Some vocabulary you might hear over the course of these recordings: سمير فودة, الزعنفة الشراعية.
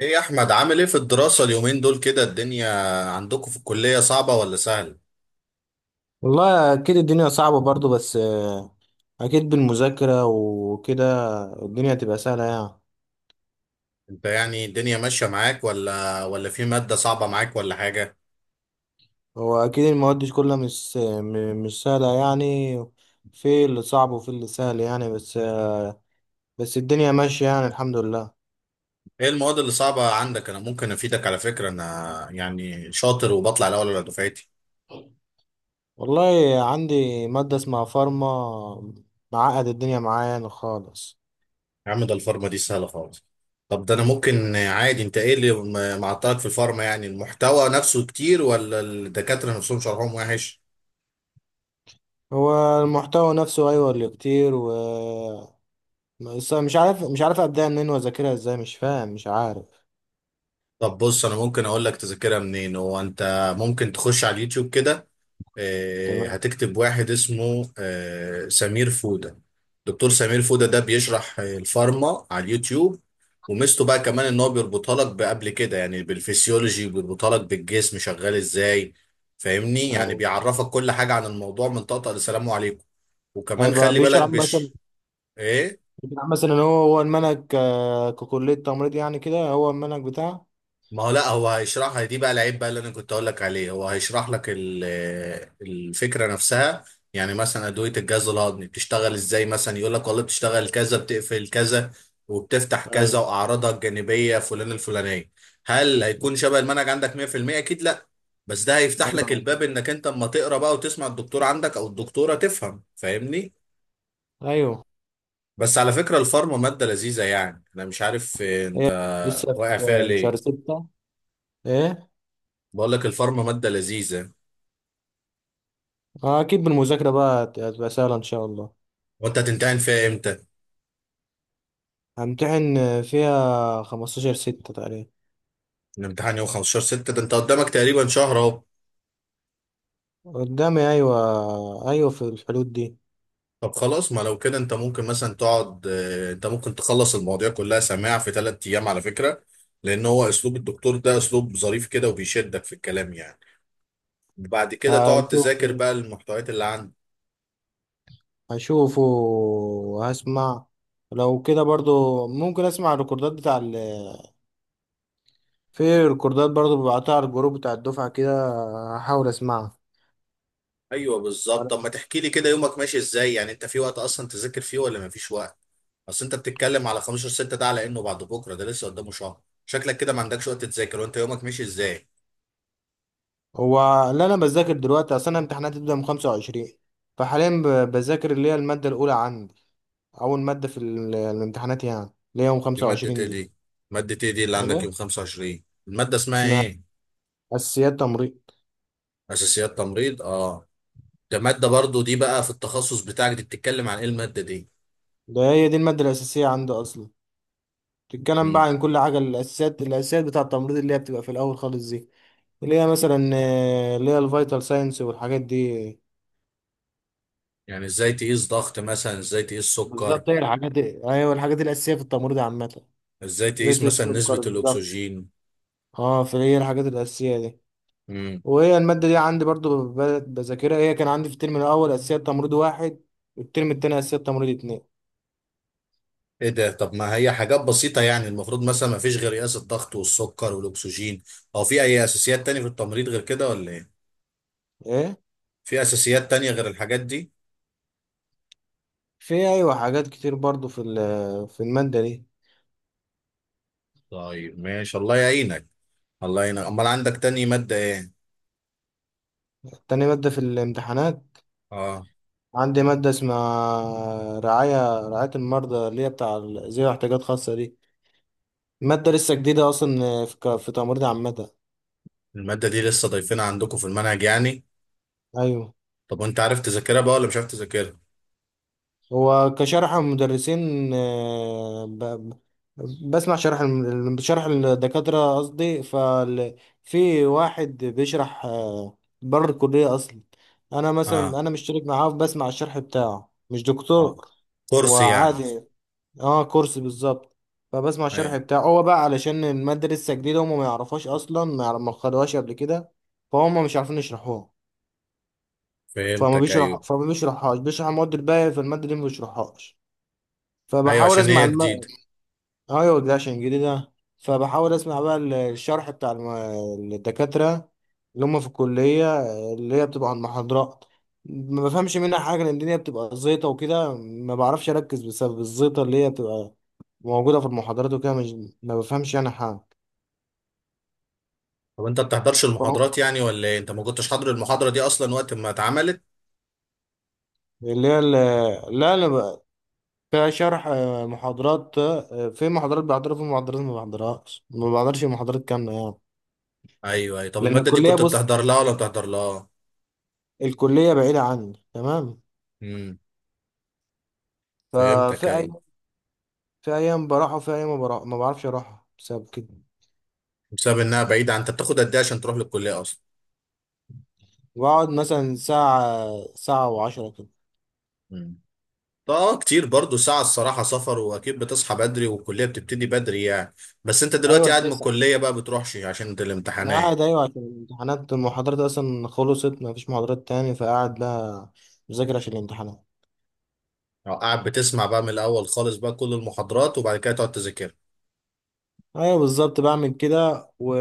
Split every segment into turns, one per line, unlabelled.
ايه يا احمد، عامل ايه في الدراسة اليومين دول؟ كده الدنيا عندكم في الكلية صعبة ولا سهلة؟
والله اكيد الدنيا صعبة برضو بس اكيد بالمذاكرة وكده الدنيا تبقى سهلة يعني.
انت يعني الدنيا ماشية معاك ولا في مادة صعبة معاك ولا حاجة؟
هو اكيد المواد دي كلها مش مش سهلة يعني، في اللي صعب وفي اللي سهل يعني بس الدنيا ماشية يعني، الحمد لله.
ايه المواد اللي صعبة عندك؟ انا ممكن افيدك، على فكرة انا يعني شاطر وبطلع الاول على دفعتي.
والله عندي مادة اسمها فارما، معقد الدنيا معايا يعني خالص.
يا عم ده الفارما دي سهلة خالص. طب ده انا ممكن عادي، انت ايه اللي معطلك في الفارما؟ يعني المحتوى نفسه كتير ولا الدكاترة نفسهم شرحهم وحش؟
هو المحتوى نفسه ايوه اللي كتير و بس مش عارف ابدأ منين واذاكرها ازاي، مش فاهم مش عارف.
طب بص انا ممكن اقول لك تذاكرها منين. هو انت ممكن تخش على اليوتيوب كده،
تمام.
هتكتب واحد اسمه سمير فودة. دكتور سمير فودة ده بيشرح الفارما على اليوتيوب. وميزته بقى كمان ان هو بيربطها لك بقبل كده، يعني بالفسيولوجي بيربطها لك بالجسم شغال ازاي. فاهمني؟ يعني
أيوة.
بيعرفك كل حاجة عن الموضوع من طقطقة لسلام عليكم. وكمان
هيبقى
خلي بالك
بيشرح مثلا،
ايه.
ان هو المنهج، ككلية تمريض يعني كده هو المنهج بتاعه.
ما هو لا هو هيشرحها دي، بقى العيب بقى اللي انا كنت اقول لك عليه، هو هيشرح لك الفكره نفسها. يعني مثلا ادويه الجهاز الهضمي بتشتغل ازاي، مثلا يقول لك والله بتشتغل كذا، بتقفل كذا وبتفتح كذا
ايوه،
واعراضها الجانبيه فلان الفلانيه. هل هيكون شبه المنهج عندك 100%؟ اكيد لا. بس ده هيفتح لك الباب
ايوه،
انك انت اما تقرا بقى وتسمع الدكتور عندك او الدكتوره تفهم. فاهمني؟
ايوه.
بس على فكره الفارما ماده لذيذه. يعني انا مش عارف انت
إيه. لسه
واقع فيها
في
ليه.
شهر ستة. ايه.
بقول لك الفارما ماده لذيذه.
اكيد بالمذاكرة بقى هتبقى سهلة ان شاء الله.
وانت هتمتحن فيها امتى؟
همتحن فيها 15/6 تقريبا.
الامتحان يوم 15 6، ده انت قدامك تقريبا شهر اهو.
قدامي، ايوه، ايوه، في الحدود دي.
طب خلاص، ما لو كده انت ممكن مثلا تقعد، انت ممكن تخلص المواضيع كلها سماع في 3 ايام على فكرة. لان هو اسلوب الدكتور ده اسلوب ظريف كده وبيشدك في الكلام يعني. بعد كده تقعد
هشوفه
تذاكر بقى المحتويات اللي عندك.
هشوفه وهسمع. لو كده برضو ممكن اسمع الريكوردات بتاع، في ريكوردات برضو ببعتها على الجروب بتاع الدفعة كده، هحاول اسمعها.
ايوه بالظبط. طب ما تحكي لي كده، يومك ماشي ازاي؟ يعني انت في وقت اصلا تذاكر فيه ولا ما فيش وقت؟ اصل انت بتتكلم على 15 6 ده على انه بعد بكرة، ده لسه قدامه شهر. شكلك كده ما عندكش وقت تذاكر، وانت يومك ماشي ازاي؟
هو اللي انا بذاكر دلوقتي، اصل انا امتحاناتي بتبدأ من 25. فحاليا بذاكر اللي هي المادة الأولى عندي، أول مادة في الامتحانات يعني، اللي هي يوم
دي مادة
25
ايه
دي.
دي؟ مادة ايه دي اللي عندك يوم
ايه.
25؟ المادة اسمها
اسمها
ايه؟
أساسيات تمريض.
اساسيات تمريض، اه. ده مادة برضو دي بقى في التخصص بتاعك، دي بتتكلم عن ايه المادة دي؟
ده هي دي المادة الأساسية عندي أصلا. تتكلم بقى
مم.
عن كل حاجة، الأساسيات بتاع التمريض، اللي هي بتبقى في الأول خالص دي. اللي هي مثلا اللي هي الفيتال ساينس والحاجات دي.
يعني ازاي تقيس ضغط مثلا، ازاي تقيس سكر؟
بالظبط، هي الحاجات، ايوه، الحاجات الاساسيه في التمريض عامه.
ازاي تقيس
زيت
مثلا نسبة
السكر بالظبط.
الاكسجين؟
اه، فهي الحاجات الاساسيه دي.
مم.
وهي الماده دي عندي برضو بذاكرها. هي كان عندي في الترم الاول اساسيه تمريض واحد، والترم التاني اساسيه تمريض اتنين.
ايه ده؟ طب ما هي حاجات بسيطة يعني، المفروض مثلا ما فيش غير قياس الضغط والسكر والاكسجين، او في اي اساسيات تانية في التمريض غير كده ولا ايه؟
ايه.
في اساسيات تانية غير الحاجات دي؟
في، ايوه، حاجات كتير برضو في في الماده دي.
طيب ماشي الله يعينك. الله يعينك، امال عندك تاني مادة ايه؟
تاني ماده في الامتحانات
اه.
عندي ماده اسمها رعايه المرضى، اللي هي بتاع ذوي احتياجات خاصه دي. ماده لسه جديده اصلا في في تمريض عامه.
المادة دي لسه ضايفينها عندكم في المنهج يعني؟
ايوه.
طب وانت عارف تذاكرها بقى ولا مش عارف تذاكرها؟
هو كشرح المدرسين، بسمع شرح شرح الدكاترة قصدي. ففي واحد بيشرح بره الكلية أصلا. أنا
اه.
مثلا، أنا مشترك معاه بسمع الشرح بتاعه، مش
اه،
دكتور، هو
كورس يعني؟
عادي، اه كورس بالظبط. فبسمع
ايوه.
الشرح بتاعه هو بقى علشان المادة لسه جديدة، هما ما يعرفوش أصلا، ما خدوهاش قبل كده، فهم مش عارفين يشرحوها.
فهمتك، ايوه.
فما بيشرحهاش، بيشرح المواد الباقية، في المادة دي ما بيشرحهاش.
ايوه،
فبحاول
عشان
اسمع
هي جديدة.
ايوه ده عشان جديدة. فبحاول اسمع بقى الشرح بتاع الدكاترة، اللي هم في الكلية، اللي هي بتبقى عن محاضرات. ما بفهمش منها حاجة، لأن الدنيا بتبقى زيطة وكده، ما بعرفش أركز بسبب الزيطة اللي هي بتبقى موجودة في المحاضرات، وكده مش... ما بفهمش يعني حاجة.
طب انت بتحضرش
فهو-
المحاضرات يعني ولا ايه؟ انت ما كنتش حاضر المحاضرة دي اصلا وقت ما اتعملت؟
اللي هي ال... لا، كشرح، محاضرات، في محاضرات بحضرها، في محاضرات ما بحضرهاش، ما بحضرش محاضرات كاملة يعني.
ايوه ايوه. طب
لأن
المادة دي
الكلية،
كنت
بص،
بتحضر لها ولا بتحضر لها؟
الكلية بعيدة عني تمام.
امم،
ففي
فهمتك ايوه.
أيام، في أيام بروح وفي أيام ما بروح، ما بعرفش أروح بسبب كده.
بسبب انها بعيدة عن- انت بتاخد قد ايه عشان تروح للكلية اصلا؟
بقعد مثلا ساعة، ساعة وعشرة كده.
امم. طب اه كتير برضو ساعة الصراحة، سفر، واكيد بتصحى بدري والكلية بتبتدي بدري يعني. بس انت دلوقتي
أيوة
قاعد من
تسعة.
الكلية بقى بتروحش عشان
أنا
الامتحانات؟
قاعد، أيوة، عشان الامتحانات، المحاضرات أصلا خلصت مفيش محاضرات تاني، فقاعد بقى مذاكر عشان الامتحانات.
أو قاعد بتسمع بقى من الاول خالص بقى كل المحاضرات وبعد كده تقعد تذاكرها؟
أيوة بالظبط، بعمل كده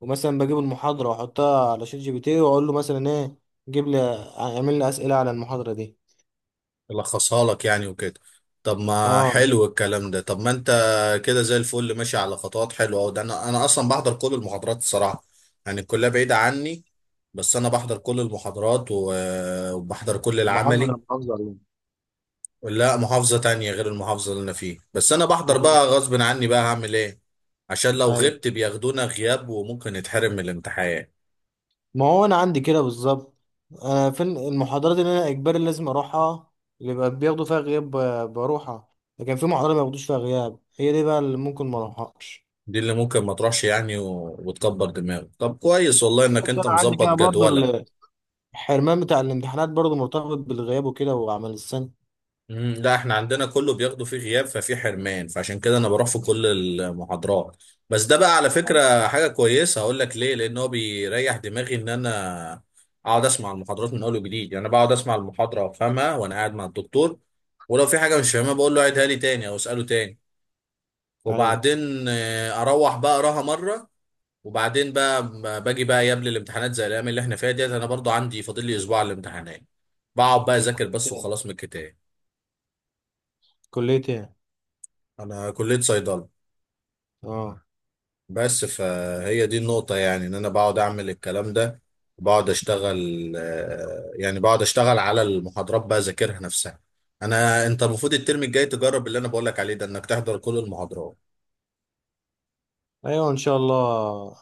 ومثلا بجيب المحاضرة وأحطها على شات جي بي تي وأقول له مثلا إيه، جيب لي، اعمل لي أسئلة على المحاضرة دي.
يلخصها لك يعني وكده. طب ما
أه.
حلو الكلام ده. طب ما انت كده زي الفل، ماشي على خطوات حلوه أوي. ده انا اصلا بحضر كل المحاضرات الصراحه. يعني الكليه بعيده عني، بس انا بحضر كل المحاضرات وبحضر كل
محافظة، أنا
العملي.
محافظة عليها.
لا، محافظه تانية غير المحافظه اللي انا فيها، بس انا بحضر بقى غصب عني بقى. هعمل ايه عشان لو
أيوة.
غبت بياخدونا غياب وممكن نتحرم من الامتحان.
ما هو انا عندي كده بالظبط، انا في المحاضرات اللي انا اجباري لازم اروحها، اللي بقى بياخدوا فيها غياب، بروحها. لكن في محاضرات ما بياخدوش فيها غياب، هي دي بقى اللي ممكن ما اروحهاش.
دي اللي ممكن ما تروحش يعني وتكبر دماغك. طب كويس والله انك
بالظبط
انت
انا عندي
مظبط
كده برضو
جدولك.
الحرمان بتاع الامتحانات برضو مرتبط بالغياب وكده وعمل السنه.
مم، لا احنا عندنا كله بياخده فيه غياب، ففي حرمان، فعشان كده انا بروح في كل المحاضرات. بس ده بقى على فكرة حاجة كويسة، هقول لك ليه، لان هو بيريح دماغي ان انا اقعد اسمع المحاضرات من اول وجديد. يعني انا بقعد اسمع المحاضرة وافهمها وانا قاعد مع الدكتور، ولو في حاجة مش فاهمها بقول له عيدها لي تاني او اساله تاني.
ايوه.
وبعدين اروح بقى اقراها مرة. وبعدين بقى ما باجي بقى قبل الامتحانات زي الايام اللي احنا فيها ديت، انا برضو عندي فاضل لي اسبوع على الامتحانات، بقعد بقى
في
اذاكر بس
كليتين،
وخلاص من الكتاب.
كليتين.
انا كلية صيدلة.
اه.
بس فهي دي النقطة، يعني ان انا بقعد اعمل الكلام ده. بقعد اشتغل يعني بقعد اشتغل على المحاضرات بقى اذاكرها نفسها. انا انت المفروض الترم الجاي تجرب اللي انا بقولك عليه ده، انك تحضر كل المحاضرات.
ايوه ان شاء الله.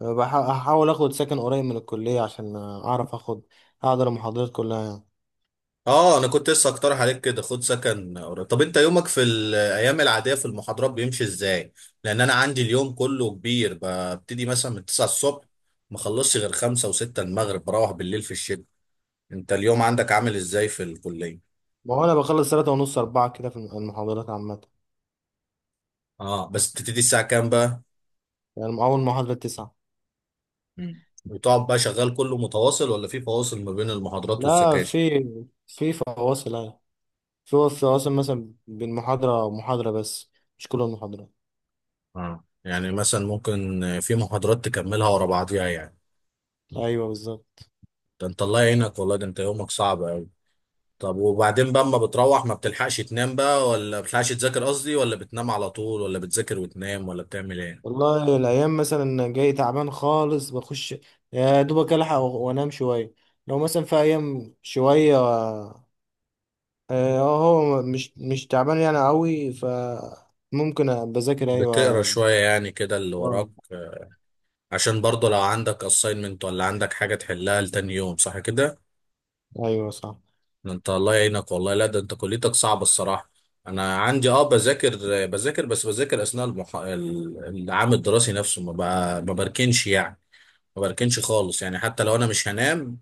هحاول اخد سكن قريب من الكليه عشان اعرف، احضر المحاضرات كلها يعني.
اه انا كنت لسه اقترح عليك كده خد سكن قريب. طب انت يومك في الايام العاديه في المحاضرات بيمشي ازاي؟ لان انا عندي اليوم كله كبير، ببتدي مثلا من 9 الصبح، ما اخلصش غير 5 و6 المغرب، بروح بالليل في الشتاء. انت اليوم عندك عامل ازاي في الكليه؟
ما هو انا بخلص ثلاثة ونص، أربعة كده في المحاضرات عامة.
اه، بس بتبتدي الساعه كام بقى؟
يعني من أول محاضرة تسعة.
مم. وتقعد بقى شغال كله متواصل ولا في فواصل ما بين المحاضرات
لا،
والسكاشن؟
في، في فواصل أيوة، في فواصل مثلا بين محاضرة ومحاضرة بس، مش كل المحاضرات.
اه، يعني مثلا ممكن في محاضرات تكملها ورا بعضيها يعني.
أيوة بالظبط.
ده انت الله يعينك والله، ده انت يومك صعب. طب وبعدين بقى اما بتروح، ما بتلحقش تنام بقى، ولا بتلحقش تذاكر قصدي، ولا بتنام على طول، ولا بتذاكر وتنام، ولا بتعمل ايه؟
والله الأيام مثلا جاي تعبان خالص بخش، يا دوبك ألحق وأنام شوية. لو مثلا في أيام شوية، هو مش تعبان يعني أوي، فممكن بذاكر
بتقرا
أيوة.
شوية يعني كده اللي
آه،
وراك؟ عشان برضه لو عندك assignment ولا عندك حاجة تحلها لتاني يوم، صح كده؟
أيوة صح.
ده انت الله يعينك والله، لا ده انت كليتك صعبة الصراحة. انا عندي، اه، بذاكر اثناء العام الدراسي نفسه، ما بركنش يعني. ما بركنش خالص يعني، حتى لو انا مش هنام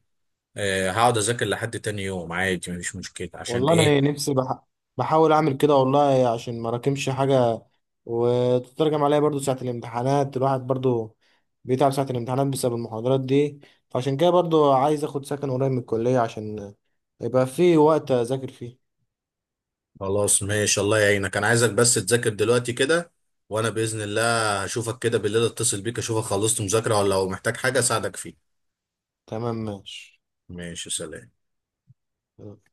هقعد اذاكر لحد تاني يوم عادي، مفيش مشكلة. عشان
والله
ايه؟
انا نفسي بحاول اعمل كده والله عشان ما راكمش حاجه، وتترجم عليا برضو ساعه الامتحانات، الواحد برضو بيتعب ساعه الامتحانات بسبب المحاضرات دي. فعشان كده برضو عايز اخد سكن قريب من الكليه عشان يبقى في وقت اذاكر فيه.
خلاص ماشي، الله يعينك. انا عايزك بس تذاكر دلوقتي كده، وانا باذن الله هشوفك كده بالليل، اتصل بيك اشوفك خلصت مذاكره ولا لو محتاج حاجه اساعدك فيه.
تمام، ماشي.
ماشي، سلام.